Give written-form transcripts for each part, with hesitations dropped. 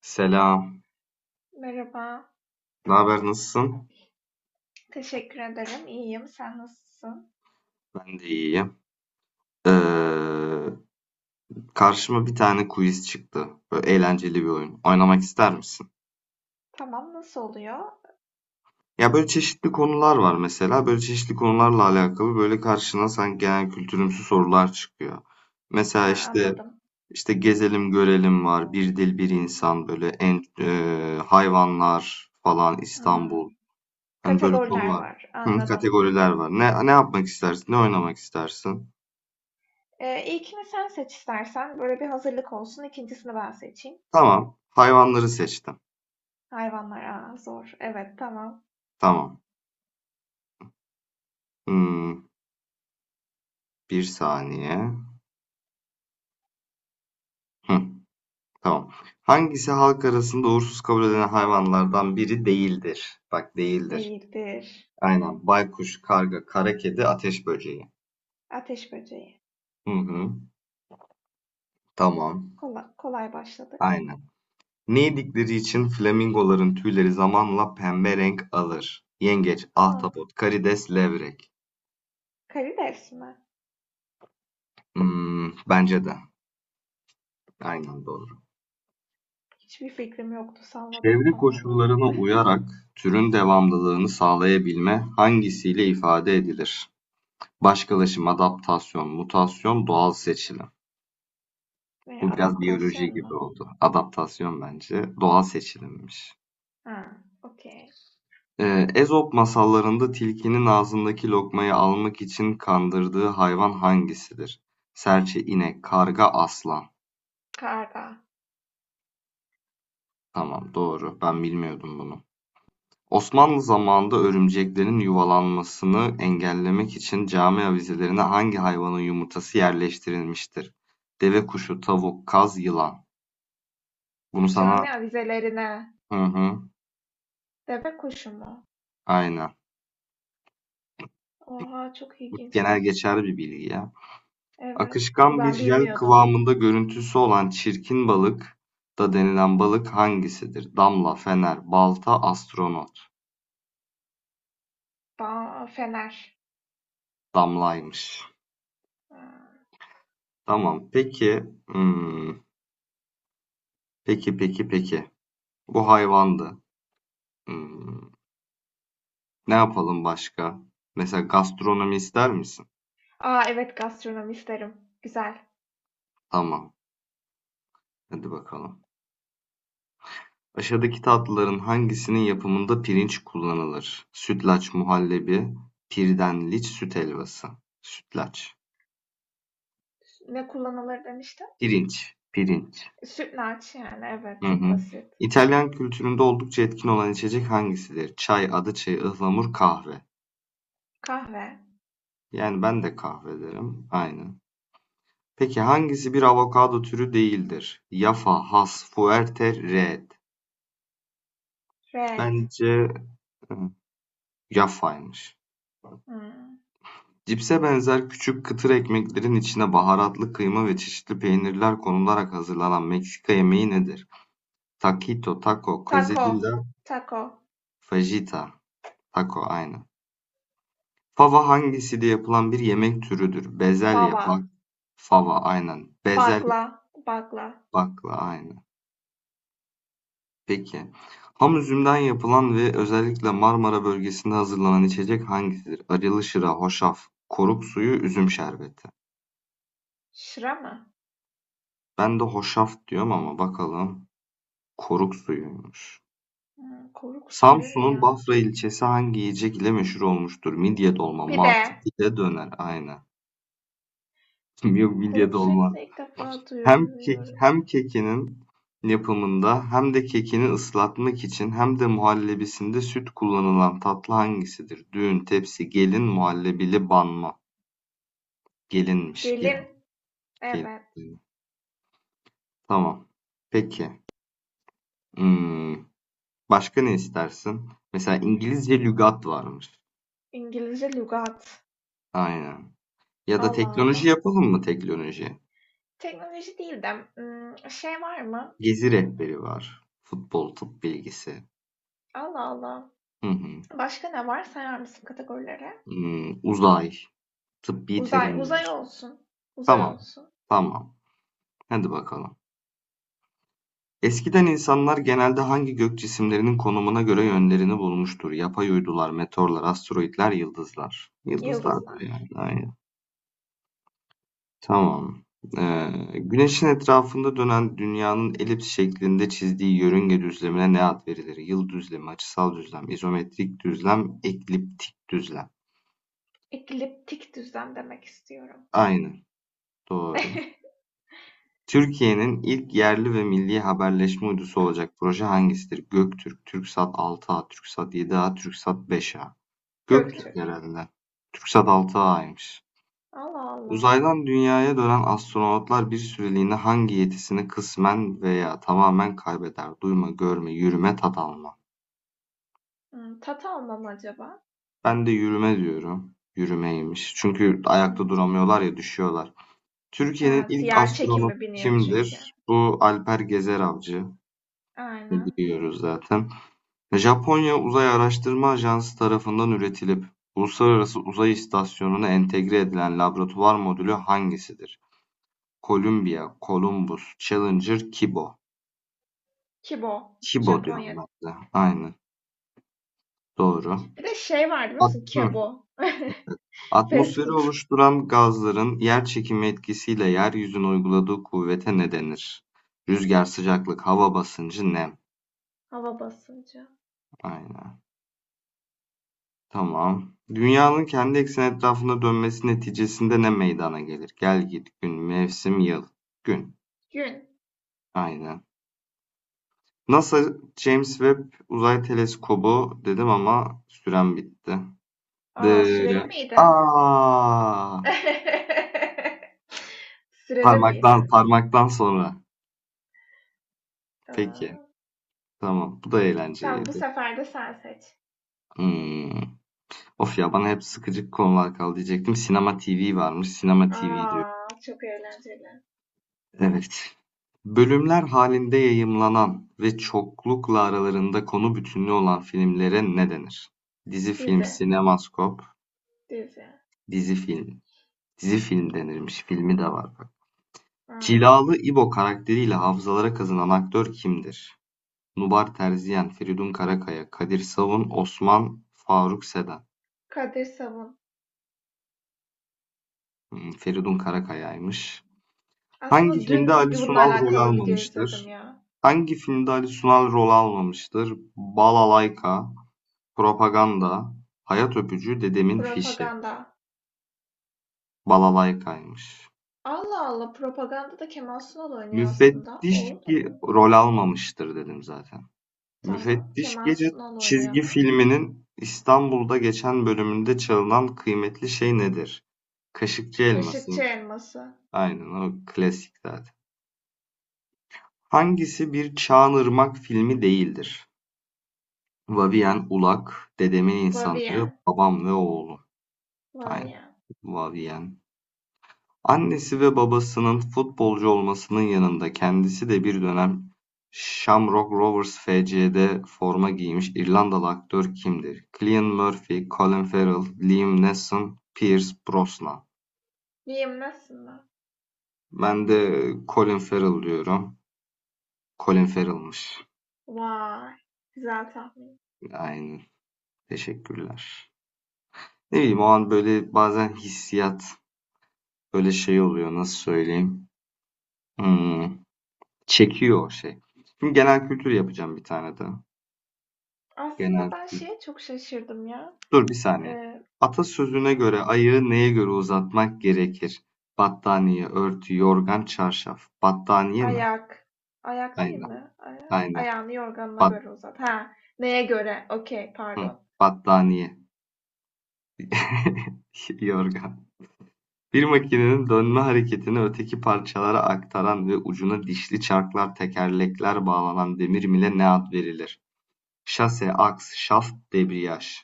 Selam. Merhaba, Ne haber, nasılsın? teşekkür ederim. İyiyim. Sen nasılsın? Ben de iyiyim. Ee, Karşıma bir tane quiz çıktı. Böyle eğlenceli bir oyun. Oynamak ister misin? Tamam, nasıl oluyor? Ya böyle çeşitli konular var mesela. Böyle çeşitli konularla alakalı böyle karşına sanki genel kültürümsü sorular çıkıyor. Ha, Mesela işte anladım. Gezelim görelim var. Bir dil bir insan böyle en hayvanlar falan Hmm, İstanbul. Hani böyle kategoriler konular. var, Hı, anladım. kategoriler var. Ne yapmak istersin? Ne oynamak istersin? İlkini sen seç istersen. Böyle bir hazırlık olsun. İkincisini ben seçeyim. Tamam. Hayvanları seçtim. Hayvanlar, aa, zor. Evet, tamam. Tamam. Hımm, bir saniye. Hıh, tamam. Hangisi halk arasında uğursuz kabul edilen hayvanlardan biri değildir? Bak, değildir. Değildir. Aynen. Baykuş, karga, kara kedi, ateş böceği. Ateş böceği. Hı hı. Tamam. Kolay, başladık. Aynen. Ne yedikleri için flamingoların tüyleri zamanla pembe renk alır? Yengeç, Tamam. ahtapot, karides, levrek. Karides mi? Bence de. Aynen doğru. Hiçbir fikrim yoktu. Salladım Çevre tamamen. koşullarına uyarak türün devamlılığını sağlayabilme hangisiyle ifade edilir? Başkalaşım, adaptasyon, mutasyon, doğal seçilim. Ne, Bu biraz adaptasyon biyoloji mu? gibi oldu. Adaptasyon, bence doğal seçilimmiş. Ha, okey. Ezop masallarında tilkinin ağzındaki lokmayı almak için kandırdığı hayvan hangisidir? Serçe, inek, karga, aslan. Karga. Tamam, doğru. Ben bilmiyordum bunu. Osmanlı zamanında örümceklerin yuvalanmasını engellemek için cami avizelerine hangi hayvanın yumurtası yerleştirilmiştir? Deve kuşu, tavuk, kaz, yılan. Bunu Cami sana avizelerine. hı hı, Deve kuşu mu? aynen. Oha, çok Bu genel ilginçmiş. geçerli bir bilgi ya. Evet. Akışkan bir Ben jel bilmiyordum. kıvamında görüntüsü olan çirkin balık da denilen balık hangisidir? Damla, fener, balta, astronot. Ba fener. Damlaymış. Ha. Tamam. Peki. hmm, Peki, peki, peki. Bu hayvandı. Hmm, Ne yapalım başka? Mesela gastronomi ister misin? Aa, evet, gastronomi isterim. Güzel. Tamam. Hadi bakalım. Aşağıdaki tatlıların hangisinin yapımında pirinç kullanılır? Sütlaç, muhallebi, pirdenliç, süt helvası. Sütlaç. Ne kullanılır demiştin? Pirinç. Pirinç. Sütlaç yani, evet, Hı çok hı. basit. İtalyan kültüründe oldukça etkin olan içecek hangisidir? Çay, adı çayı, ıhlamur, kahve. Kahve. Yani ben de kahve derim. Aynen. Peki, hangisi bir avokado türü değildir? Yafa, has, fuerte, red. Red. Bence hı, yafaymış. Hmm. Cipse benzer küçük kıtır ekmeklerin içine baharatlı kıyma ve çeşitli peynirler konularak hazırlanan Meksika yemeği nedir? Taquito, taco, Taco. quesadilla, Taco. fajita. Taco, aynen. Fava hangisiyle yapılan bir yemek türüdür? Bezelye, bak, Fava. fava, aynen. Bezelye, Bagla. Bagla. bakla, aynen. Peki. Ham üzümden yapılan ve özellikle Marmara bölgesinde hazırlanan içecek hangisidir? Arılı şıra, hoşaf, koruk suyu, üzüm şerbeti. Şıra mı? Ben de hoşaf diyorum ama bakalım. Koruk suyuymuş. Hmm, koruk suyu ne Samsun'un ya? Bafra ilçesi hangi yiyecek ile meşhur olmuştur? Midye dolma, Pide. mantı, pide, döner. Aynen. Yok, midye Koruk dolma. suyunu da ilk defa Hem kek duyuyorum. hem kekinin yapımında hem de kekini ıslatmak için hem de muhallebisinde süt kullanılan tatlı hangisidir? Düğün, tepsi, gelin, muhallebili banma. Gelinmiş, gelin, Gelin. gelin. Evet. Tamam. Peki. Hmm, başka ne istersin? Mesela İngilizce lügat varmış. İngilizce lügat. Aynen. Ya da Allah teknoloji Allah. yapalım mı, teknoloji? Teknoloji değil de, şey var mı? Gezi rehberi var. Futbol, tıp bilgisi. Allah Allah. Hı hı. Başka ne var? Sayar mısın kategorilere? Uzay, tıbbi Uzay, terimler. uzay olsun. Uzay Tamam, olsun. tamam. Hadi bakalım. Eskiden insanlar genelde hangi gök cisimlerinin konumuna göre yönlerini bulmuştur? Yapay uydular, meteorlar, asteroidler, yıldızlar. Yıldızlardır yani, Yıldızlar. aynen. Tamam. Güneşin etrafında dönen dünyanın elips şeklinde çizdiği yörünge düzlemine ne ad verilir? Yıl düzlemi, açısal düzlem, izometrik düzlem, ekliptik düzlem. Ekliptik düzlem demek istiyorum. Aynen. Doğru. Türkiye'nin ilk yerli ve milli haberleşme uydusu olacak proje hangisidir? Göktürk, TürkSat 6A, TürkSat 7A, TürkSat 5A. Göktürk Göktürk. herhalde. TürkSat 6A'ymış. Allah Allah. Uzaydan dünyaya dönen astronotlar bir süreliğine hangi yetisini kısmen veya tamamen kaybeder? Duyma, görme, yürüme, tat alma. Hımm, tat alma acaba? Ben de yürüme diyorum. Yürümeymiş. Çünkü ayakta Hımm. duramıyorlar ya, düşüyorlar. Türkiye'nin Ha, ilk diğer astronotu çekimi biniyor çünkü. kimdir? Bu Alper Gezer Avcı. Aynen. Biliyoruz zaten. Japonya Uzay Araştırma Ajansı tarafından üretilip Uluslararası Uzay İstasyonu'na entegre edilen laboratuvar modülü hangisidir? Columbia, Columbus, Challenger, Kibo. Kibo. Kibo diyorum Japonya. ben de. Aynen. Doğru. Bir de şey var biliyor At- musun? Kebo. Fast Atmosferi food. oluşturan gazların yer çekimi etkisiyle yeryüzüne uyguladığı kuvvete ne denir? Rüzgar, sıcaklık, hava basıncı, nem. Hava basıncı. Aynen. Tamam. Dünyanın kendi ekseni etrafında dönmesi neticesinde ne meydana gelir? Gel git, gün, mevsim, yıl. Gün. Gün. Aynen. NASA James Webb Uzay Teleskobu dedim ama sürem bitti. A, süreli Dırı. miydi? Aa! Süreli Parmaktan, miydi? parmaktan sonra. Peki. Aaa, Tamam. Bu da tamam, bu eğlenceliydi. sefer de sen seç. Hmm. Of ya, bana hep sıkıcık konular kaldı diyecektim. Sinema TV varmış. Sinema A! TV diyor. Çok eğlenceli. Evet. Bölümler halinde yayımlanan ve çoklukla aralarında konu bütünlüğü olan filmlere ne denir? Dizi-film, Dizi, sinemaskop, dizi. dizi-film. Dizi-film denirmiş, filmi de var bak. A! Cilalı İbo karakteriyle hafızalara kazınan aktör kimdir? Nubar Terziyen, Feridun Karakaya, Kadir Savun, Osman Faruk Seden. Kadir Savun. Feridun Karakaya'ymış. Hangi Aslında filmde dün Ali bir bununla Sunal rol alakalı video izledim almamıştır? ya. Balalayka, Propaganda, hayat öpücü, dedemin fişi, Propaganda. balalaykaymış. Allah Allah, propaganda da Kemal Sunal oynuyor aslında. Müfettiş Oğlu da mı ki oynuyor? rol almamıştır dedim zaten. Tamam. Müfettiş Kemal Gece Sunal oynuyor çizgi ama. filminin İstanbul'da geçen bölümünde çalınan kıymetli şey nedir? Kaşıkçı elması. Kaşıkçı Elması. Aynen, o klasik zaten. Hangisi bir Çağan filmi değildir? Vavien, Ulak, Dedemin İnsanları, Vavien. Babam ve Oğlu. Aynen. Vavien. Vavien. Annesi ve babasının futbolcu olmasının yanında kendisi de bir dönem Shamrock Rovers FC'de forma giymiş İrlandalı aktör kimdir? Cillian Murphy, Colin Farrell, Liam Neeson, Pierce Brosnan. Viyemlesin mi? Ben de Colin Farrell diyorum. Colin Farrell'mış. Vay. Güzel tahmin. Aynen. Teşekkürler. Ne bileyim, o an böyle bazen hissiyat böyle şey oluyor, nasıl söyleyeyim. Hmm, çekiyor o şey. Şimdi genel kültür yapacağım bir tane de. Aslında Genel ben kültür. şeye çok şaşırdım ya. Dur bir saniye. Ee, Atasözüne göre ayağı neye göre uzatmak gerekir? Battaniye, örtü, yorgan, çarşaf. Battaniye mi? ayak. Ayak değil Aynen, mi? Aynen. Ayağını yorganına Bat, göre uzat. Ha, neye göre? Okey, hı, pardon. battaniye. Yorgan. Bir makinenin dönme hareketini öteki parçalara aktaran ve ucuna dişli çarklar, tekerlekler bağlanan demir mile ne ad verilir? Şase, aks, şaft, debriyaj.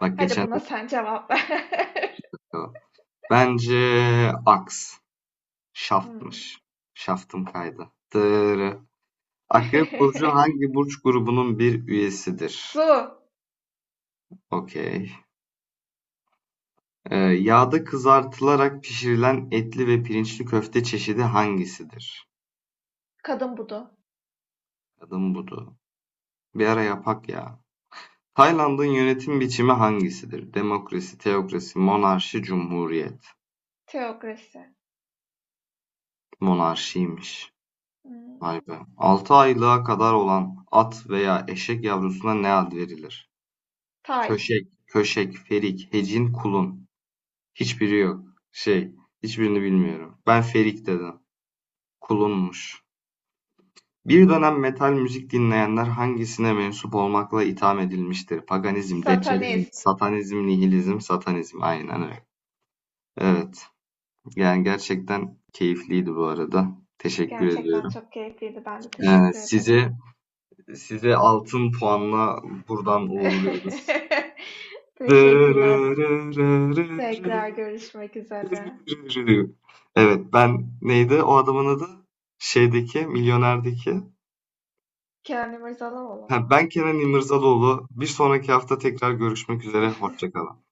Bak Hadi geçen... buna sen cevap ver. Bence aks. Hmm. Şaftmış. Şaftım kaydı. Dırı. Akrep burcu hangi burç grubunun bir üyesidir? Su. Okey. Yağda kızartılarak pişirilen etli ve pirinçli köfte çeşidi hangisidir? Kadın budu. Adım budu. Bir ara yapak ya. Tayland'ın yönetim biçimi hangisidir? Demokrasi, teokrasi, monarşi, cumhuriyet. Teokrasi. Monarşiymiş. Vay Hmm. be. 6 aylığa kadar olan at veya eşek yavrusuna ne ad verilir? Tay. Köşek, köşek, ferik, hecin, kulun. Hiçbiri yok. Şey, hiçbirini bilmiyorum. Ben Ferik dedim. Kulunmuş. Bir dönem metal müzik dinleyenler hangisine mensup olmakla itham edilmiştir? Paganizm, deccalizm, Satanist. satanizm, nihilizm, satanizm. Aynen öyle. Evet. Yani gerçekten keyifliydi bu arada. Teşekkür Gerçekten ediyorum. çok keyifliydi. Ben de Ee, teşekkür ederim. size size altın puanla buradan Teşekkürler. Tekrar uğurluyoruz. görüşmek üzere. Evet, ben neydi o adamın adı? Şeydeki, Milyoner'deki. Kenan İmirzalıoğlu Ha, mu? ben Kenan İmirzalıoğlu. Bir sonraki hafta tekrar görüşmek üzere. Hoşça kalın.